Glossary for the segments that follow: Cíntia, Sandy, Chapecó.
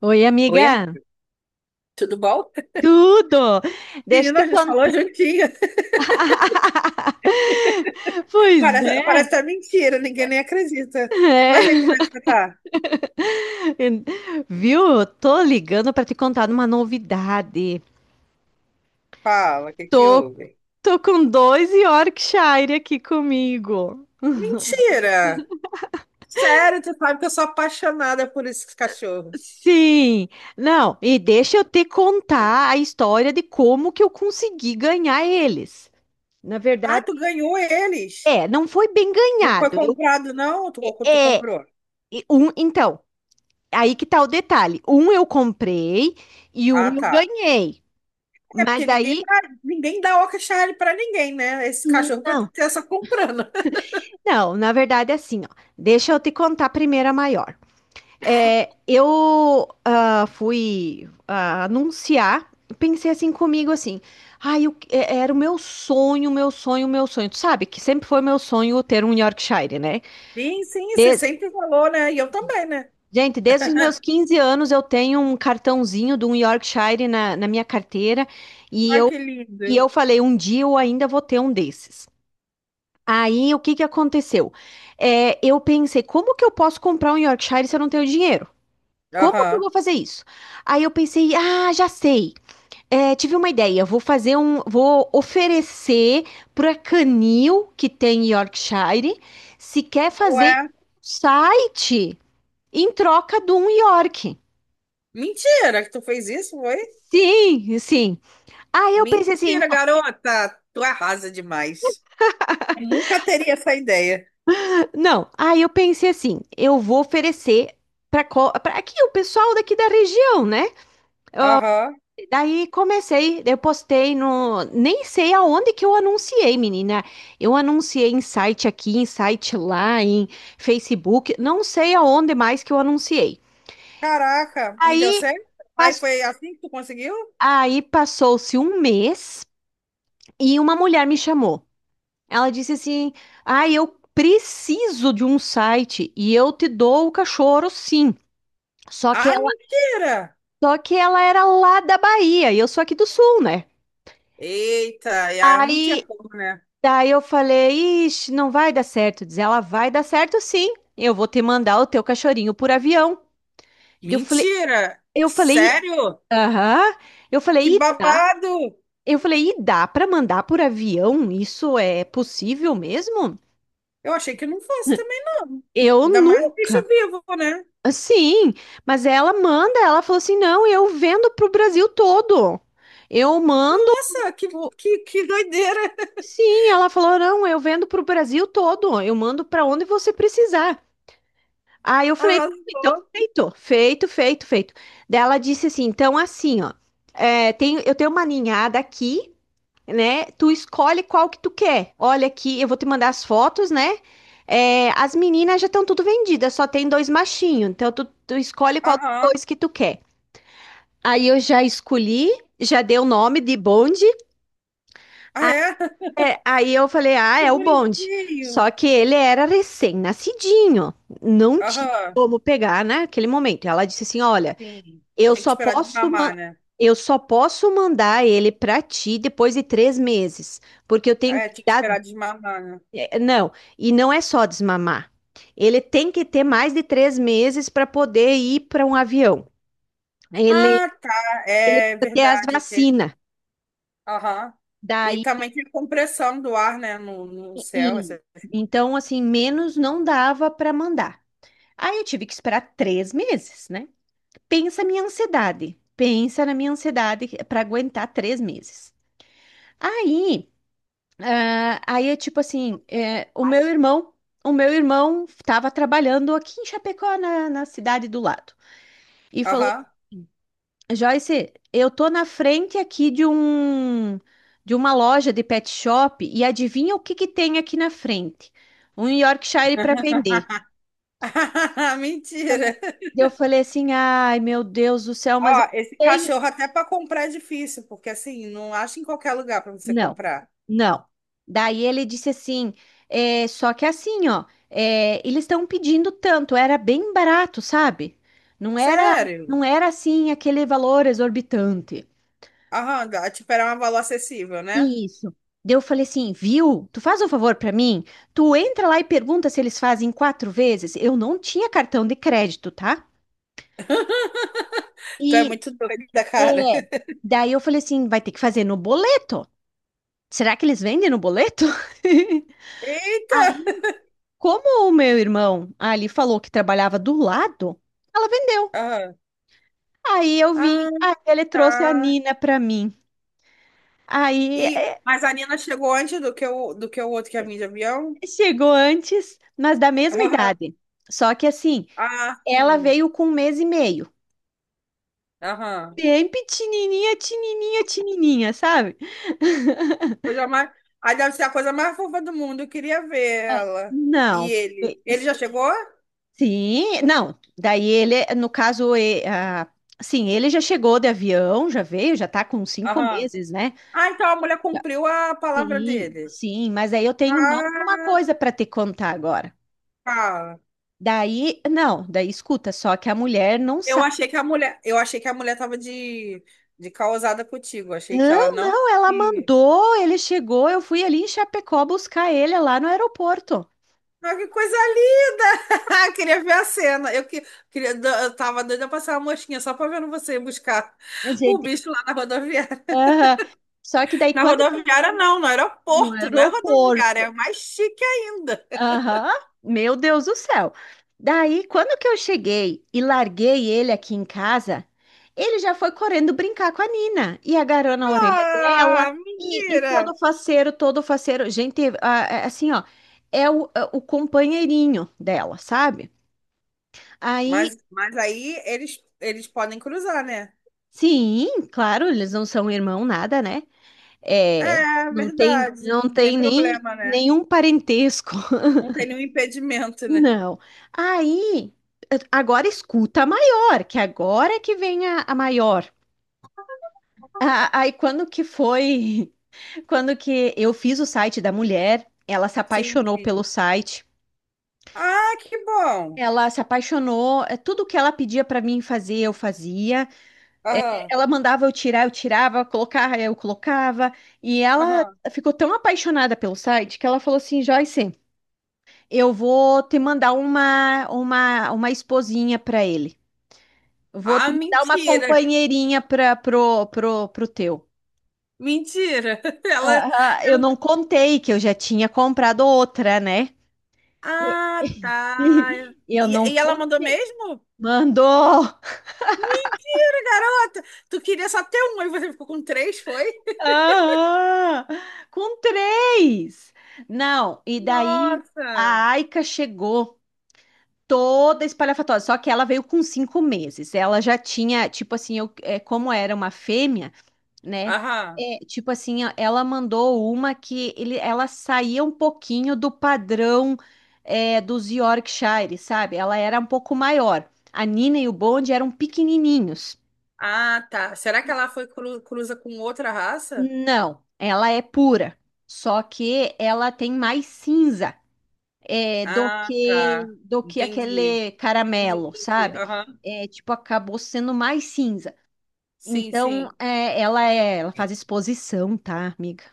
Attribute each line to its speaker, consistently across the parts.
Speaker 1: Oi,
Speaker 2: Oi,
Speaker 1: amiga.
Speaker 2: tudo bom?
Speaker 1: Tudo! Deixa eu
Speaker 2: Menina,
Speaker 1: te
Speaker 2: a gente falou
Speaker 1: contar.
Speaker 2: juntinho.
Speaker 1: Pois
Speaker 2: Parece,
Speaker 1: é.
Speaker 2: parece até mentira, ninguém nem acredita. Mas aí,
Speaker 1: É.
Speaker 2: como é que você tá?
Speaker 1: Viu? Eu tô ligando para te contar uma novidade.
Speaker 2: Fala, o que que
Speaker 1: Tô,
Speaker 2: houve?
Speaker 1: tô com dois Yorkshire aqui comigo.
Speaker 2: Mentira! Sério, tu sabe que eu sou apaixonada por esses cachorros.
Speaker 1: Sim. Não, e deixa eu te contar a história de como que eu consegui ganhar eles. Na
Speaker 2: Ah,
Speaker 1: verdade,
Speaker 2: tu ganhou eles?
Speaker 1: não foi bem
Speaker 2: Não foi
Speaker 1: ganhado. Eu,
Speaker 2: comprado, não? Tu
Speaker 1: é,
Speaker 2: comprou?
Speaker 1: e um, então, aí que tá o detalhe. Um eu comprei e
Speaker 2: Ah,
Speaker 1: um eu
Speaker 2: tá.
Speaker 1: ganhei.
Speaker 2: É
Speaker 1: Mas
Speaker 2: porque
Speaker 1: daí,
Speaker 2: ninguém dá Yorkshire pra ninguém, né? Esse cachorro pra tu
Speaker 1: não.
Speaker 2: ter só comprando.
Speaker 1: Não, na verdade é assim, ó. Deixa eu te contar primeiro a maior. Eu fui anunciar, pensei assim comigo assim, ai, era o meu sonho, meu sonho, meu sonho. Tu sabe que sempre foi meu sonho ter um Yorkshire, né?
Speaker 2: Sim, sim, você
Speaker 1: Des-
Speaker 2: sempre falou, né? E eu também, né?
Speaker 1: Gente, desde os meus 15 anos eu tenho um cartãozinho de um Yorkshire na minha carteira. E
Speaker 2: Ai, que
Speaker 1: E eu
Speaker 2: lindo.
Speaker 1: falei, um dia eu ainda vou ter um desses. Aí, o que que aconteceu? Eu pensei, como que eu posso comprar um Yorkshire se eu não tenho dinheiro? Como que eu
Speaker 2: Aham.
Speaker 1: vou fazer isso? Aí eu pensei, ah, já sei. Tive uma ideia, vou oferecer para canil que tem Yorkshire, se quer fazer
Speaker 2: Ué.
Speaker 1: site em troca de um York.
Speaker 2: Mentira que tu fez isso, foi?
Speaker 1: Sim, sim. Aí eu pensei assim,
Speaker 2: Mentira, garota. Tu arrasa demais. Eu nunca teria essa ideia.
Speaker 1: não, aí eu pensei assim, eu vou oferecer para aqui o pessoal daqui da região, né?
Speaker 2: Aham.
Speaker 1: Daí comecei, eu postei nem sei aonde que eu anunciei, menina. Eu anunciei em site aqui, em site lá, em Facebook, não sei aonde mais que eu anunciei.
Speaker 2: Caraca. E deu
Speaker 1: Aí,
Speaker 2: certo? Aí
Speaker 1: pas-
Speaker 2: foi assim que tu conseguiu?
Speaker 1: aí passou-se um mês e uma mulher me chamou. Ela disse assim: "Ah, eu preciso de um site e eu te dou o cachorro, sim." Só que
Speaker 2: Ah, mentira.
Speaker 1: Só que ela era lá da Bahia e eu sou aqui do Sul, né?
Speaker 2: Eita, e aí eu não tinha
Speaker 1: Aí,
Speaker 2: como, né?
Speaker 1: daí eu falei, ixi, não vai dar certo. Diz ela, vai dar certo sim. Eu vou te mandar o teu cachorrinho por avião. Eu falei,
Speaker 2: Mentira.
Speaker 1: eu falei,
Speaker 2: Sério?
Speaker 1: aham. Eu
Speaker 2: Que
Speaker 1: falei, e dá?
Speaker 2: babado.
Speaker 1: Eu falei, e dá para mandar por avião? Isso é possível mesmo?
Speaker 2: Eu achei que não fosse também, não.
Speaker 1: Eu
Speaker 2: Ainda mais bicho
Speaker 1: nunca.
Speaker 2: vivo, né?
Speaker 1: Sim, mas ela manda, ela falou assim, não, eu vendo pro Brasil todo. Eu mando.
Speaker 2: Nossa, que doideira.
Speaker 1: Sim, ela falou: não, eu vendo para o Brasil todo, eu mando para onde você precisar. Aí eu falei: então,
Speaker 2: Arrasou.
Speaker 1: feito, feito, feito, feito. Daí ela disse assim: então, assim, ó, eu tenho uma ninhada aqui, né? Tu escolhe qual que tu quer. Olha aqui, eu vou te mandar as fotos, né? É, as meninas já estão tudo vendidas, só tem dois machinhos, então tu escolhe qual dos
Speaker 2: Aham.
Speaker 1: dois que tu quer. Aí eu já escolhi, já dei o nome de bonde.
Speaker 2: Ah, é?
Speaker 1: Aí eu falei, ah,
Speaker 2: Que
Speaker 1: é o bonde.
Speaker 2: bonitinho.
Speaker 1: Só que ele era recém-nascidinho, não tinha
Speaker 2: Aham.
Speaker 1: como pegar naquele momento. Ela disse assim, olha,
Speaker 2: Sim,
Speaker 1: eu
Speaker 2: tinha que
Speaker 1: só
Speaker 2: esperar
Speaker 1: posso
Speaker 2: desmamar,
Speaker 1: ma-
Speaker 2: né?
Speaker 1: eu só posso mandar ele para ti depois de 3 meses, porque eu tenho
Speaker 2: É,
Speaker 1: que
Speaker 2: tinha que
Speaker 1: dar,
Speaker 2: esperar desmamar, né?
Speaker 1: não, e não é só desmamar. Ele tem que ter mais de 3 meses para poder ir para um avião. Ele
Speaker 2: Ah, tá,
Speaker 1: ele
Speaker 2: é
Speaker 1: precisa ter as
Speaker 2: verdade.
Speaker 1: vacinas.
Speaker 2: Aham. E
Speaker 1: Daí,
Speaker 2: também tem a compressão do ar, né, no céu.
Speaker 1: e- então assim, menos não dava para mandar. Aí eu tive que esperar 3 meses, né? Pensa a minha ansiedade. Pensa na minha ansiedade para aguentar 3 meses. Aí, ah, aí é tipo assim, é, o meu
Speaker 2: Mas-
Speaker 1: irmão, o meu irmão estava trabalhando aqui em Chapecó, na cidade do lado, e falou
Speaker 2: Aham.
Speaker 1: assim, Joyce, eu tô na frente aqui de uma loja de pet shop e adivinha o que que tem aqui na frente? Um Yorkshire para vender.
Speaker 2: Mentira.
Speaker 1: E eu falei assim, ai, meu Deus do céu,
Speaker 2: Ó,
Speaker 1: mas eu
Speaker 2: esse
Speaker 1: não tenho.
Speaker 2: cachorro até para comprar é difícil, porque assim, não acha em qualquer lugar para você
Speaker 1: Não,
Speaker 2: comprar.
Speaker 1: não. Daí ele disse assim, só que assim, ó, eles estão pedindo tanto, era bem barato, sabe? Não era,
Speaker 2: Sério?
Speaker 1: não era assim aquele valor exorbitante.
Speaker 2: Aham, tipo, era um valor acessível, né?
Speaker 1: Isso. Daí eu falei assim, viu? Tu faz um favor pra mim? Tu entra lá e pergunta se eles fazem 4 vezes. Eu não tinha cartão de crédito, tá?
Speaker 2: Tu é
Speaker 1: E
Speaker 2: muito doida, cara.
Speaker 1: é, daí eu falei assim, vai ter que fazer no boleto. Será que eles vendem no boleto?
Speaker 2: Eita!
Speaker 1: Aí, como o meu irmão ali falou que trabalhava do lado, ela vendeu.
Speaker 2: Aham.
Speaker 1: Aí eu vim,
Speaker 2: Ah,
Speaker 1: aí ele trouxe a
Speaker 2: tá.
Speaker 1: Nina pra mim. Aí
Speaker 2: E,
Speaker 1: é,
Speaker 2: mas a Nina chegou antes do que o outro que é vinha de avião?
Speaker 1: Chegou antes, mas da mesma idade. Só que assim,
Speaker 2: Ah,
Speaker 1: ela
Speaker 2: sim.
Speaker 1: veio com um mês e meio.
Speaker 2: Aham.
Speaker 1: Bem pequenininha, tinininha, tinininha, sabe?
Speaker 2: Coisa mais... Aí deve ser a coisa mais fofa do mundo. Eu queria ver
Speaker 1: É.
Speaker 2: ela. E
Speaker 1: Não.
Speaker 2: ele? Ele já chegou?
Speaker 1: Sim, não, daí ele, no caso, e- ah, Sim, ele já chegou de avião, já veio, já tá com cinco
Speaker 2: Aham.
Speaker 1: meses, né?
Speaker 2: Ah, então a mulher
Speaker 1: Já-
Speaker 2: cumpriu a palavra
Speaker 1: Sim,
Speaker 2: dele.
Speaker 1: sim, mas aí eu tenho mais uma
Speaker 2: Ah,
Speaker 1: coisa para te contar agora.
Speaker 2: cara.
Speaker 1: Daí, não, daí escuta, só que a mulher não
Speaker 2: Eu
Speaker 1: sabe.
Speaker 2: achei que a mulher, eu achei que a mulher tava de causada contigo. Achei que ela
Speaker 1: Não,
Speaker 2: não.
Speaker 1: não, ela mandou, ele chegou, eu fui ali em Chapecó buscar ele lá no aeroporto.
Speaker 2: Ah, que coisa linda! Queria ver a cena. Eu tava doida pra passar uma mosquinha só pra ver você ir buscar
Speaker 1: A
Speaker 2: o
Speaker 1: gente,
Speaker 2: bicho lá na rodoviária.
Speaker 1: aham. Só que daí
Speaker 2: Na
Speaker 1: quando que
Speaker 2: rodoviária, não, no
Speaker 1: No
Speaker 2: aeroporto, não é rodoviária,
Speaker 1: aeroporto.
Speaker 2: é mais chique ainda.
Speaker 1: Aham. Meu Deus do céu. Daí, quando que eu cheguei e larguei ele aqui em casa, ele já foi correndo brincar com a Nina e agarrou na orelha dela
Speaker 2: Ah,
Speaker 1: e todo
Speaker 2: mentira!
Speaker 1: faceiro, todo faceiro. Gente, assim, ó, é o companheirinho dela, sabe? Aí,
Speaker 2: Mas aí eles podem cruzar, né?
Speaker 1: sim, claro, eles não são irmão nada, né? É,
Speaker 2: É,
Speaker 1: não tem,
Speaker 2: verdade.
Speaker 1: não
Speaker 2: Não tem
Speaker 1: tem nem
Speaker 2: problema, né?
Speaker 1: nenhum parentesco.
Speaker 2: Não tem nenhum impedimento, né?
Speaker 1: Não. Aí, agora escuta a maior, que agora é que vem a maior. Aí, quando que foi? Quando que eu fiz o site da mulher, ela se
Speaker 2: Sim,
Speaker 1: apaixonou pelo
Speaker 2: sim.
Speaker 1: site.
Speaker 2: Ah, que bom!
Speaker 1: Ela se apaixonou, é, tudo que ela pedia para mim fazer, eu fazia. É.
Speaker 2: Aham,
Speaker 1: Ela mandava eu tirar, eu tirava, colocar, eu colocava. E ela
Speaker 2: aham.
Speaker 1: ficou tão apaixonada pelo site que ela falou assim: Joyce, eu vou te mandar uma esposinha para ele. Vou te
Speaker 2: Ah,
Speaker 1: mandar uma
Speaker 2: mentira!
Speaker 1: companheirinha para pro teu.
Speaker 2: Mentira! Ela,
Speaker 1: Ah, ah, eu não
Speaker 2: ela-
Speaker 1: contei que eu já tinha comprado outra, né?
Speaker 2: Ah, tá.
Speaker 1: Eu não
Speaker 2: E ela mandou
Speaker 1: contei.
Speaker 2: mesmo?
Speaker 1: Mandou!
Speaker 2: Mentira, garota! Tu queria só ter um e você ficou com três, foi?
Speaker 1: Ah, com três! Não, e daí
Speaker 2: Nossa!
Speaker 1: a Aika chegou toda espalhafatosa, só que ela veio com 5 meses. Ela já tinha, tipo assim, como era uma fêmea, né?
Speaker 2: Aham.
Speaker 1: Tipo assim, ó, ela mandou uma que ela saía um pouquinho do padrão dos Yorkshire, sabe? Ela era um pouco maior. A Nina e o Bond eram pequenininhos.
Speaker 2: Ah, tá. Será que ela foi cruza com outra raça?
Speaker 1: Não, ela é pura. Só que ela tem mais cinza, do
Speaker 2: Ah, tá.
Speaker 1: que
Speaker 2: Entendi.
Speaker 1: aquele
Speaker 2: Entendi,
Speaker 1: caramelo,
Speaker 2: entendi.
Speaker 1: sabe?
Speaker 2: Aham.
Speaker 1: É, tipo, acabou sendo mais cinza.
Speaker 2: Sim,
Speaker 1: Então,
Speaker 2: sim.
Speaker 1: é, ela faz exposição, tá, amiga?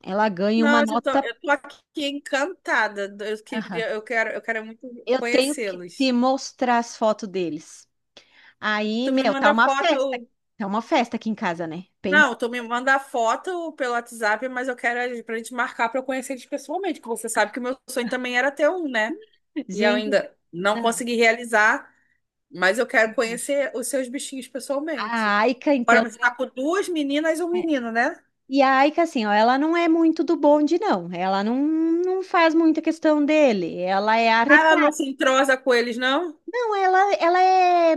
Speaker 1: Ela ganha uma
Speaker 2: Nossa, eu tô,
Speaker 1: nota.
Speaker 2: eu tô aqui encantada. Eu queria, eu quero muito
Speaker 1: Eu tenho que te
Speaker 2: conhecê-los.
Speaker 1: mostrar as fotos deles. Aí,
Speaker 2: Tu me
Speaker 1: meu, tá
Speaker 2: manda
Speaker 1: uma
Speaker 2: foto,
Speaker 1: festa. Tá uma festa aqui em casa, né? Pensa.
Speaker 2: Não, tu me manda a foto pelo WhatsApp, mas eu quero pra gente marcar pra eu conhecer eles pessoalmente, que você sabe que o meu sonho também era ter um, né? E eu
Speaker 1: Gente,
Speaker 2: ainda não
Speaker 1: não.
Speaker 2: consegui realizar, mas eu quero
Speaker 1: Não.
Speaker 2: conhecer os seus bichinhos pessoalmente.
Speaker 1: A Aika, então.
Speaker 2: Agora você tá com duas meninas e um
Speaker 1: É.
Speaker 2: menino, né?
Speaker 1: E a Aika, assim, ó, ela não é muito do bonde, não. Ela não faz muita questão dele. Ela é
Speaker 2: Ah, ela
Speaker 1: arretada.
Speaker 2: não se entrosa com eles, não?
Speaker 1: Não, ela, ela é,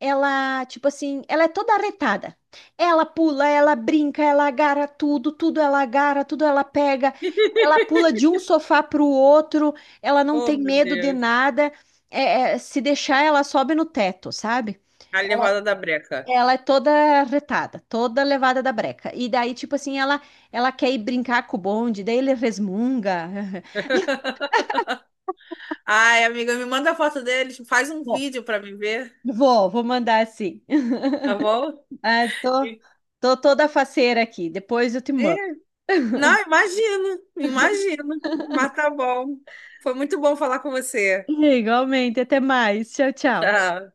Speaker 1: ela, tipo assim, ela é toda arretada. Ela pula, ela brinca, ela agarra tudo, tudo ela agarra, tudo ela pega. Ela pula de um sofá pro outro, ela não
Speaker 2: Oh,
Speaker 1: tem
Speaker 2: meu
Speaker 1: medo de
Speaker 2: Deus.
Speaker 1: nada. Se deixar, ela sobe no teto, sabe?
Speaker 2: A levada da breca.
Speaker 1: Ela é toda arretada, toda levada da breca. E daí, tipo assim, ela quer ir brincar com o bonde, daí ele resmunga.
Speaker 2: Ai, amiga, me manda a foto deles, faz um
Speaker 1: Bom,
Speaker 2: vídeo pra mim ver,
Speaker 1: vou mandar assim.
Speaker 2: tá bom?
Speaker 1: Ah, tô, Tô toda faceira aqui. Depois eu te mando.
Speaker 2: E Não, imagino, imagino. Mas tá bom. Foi muito bom falar com você.
Speaker 1: Igualmente, até mais. Tchau, tchau.
Speaker 2: Tchau.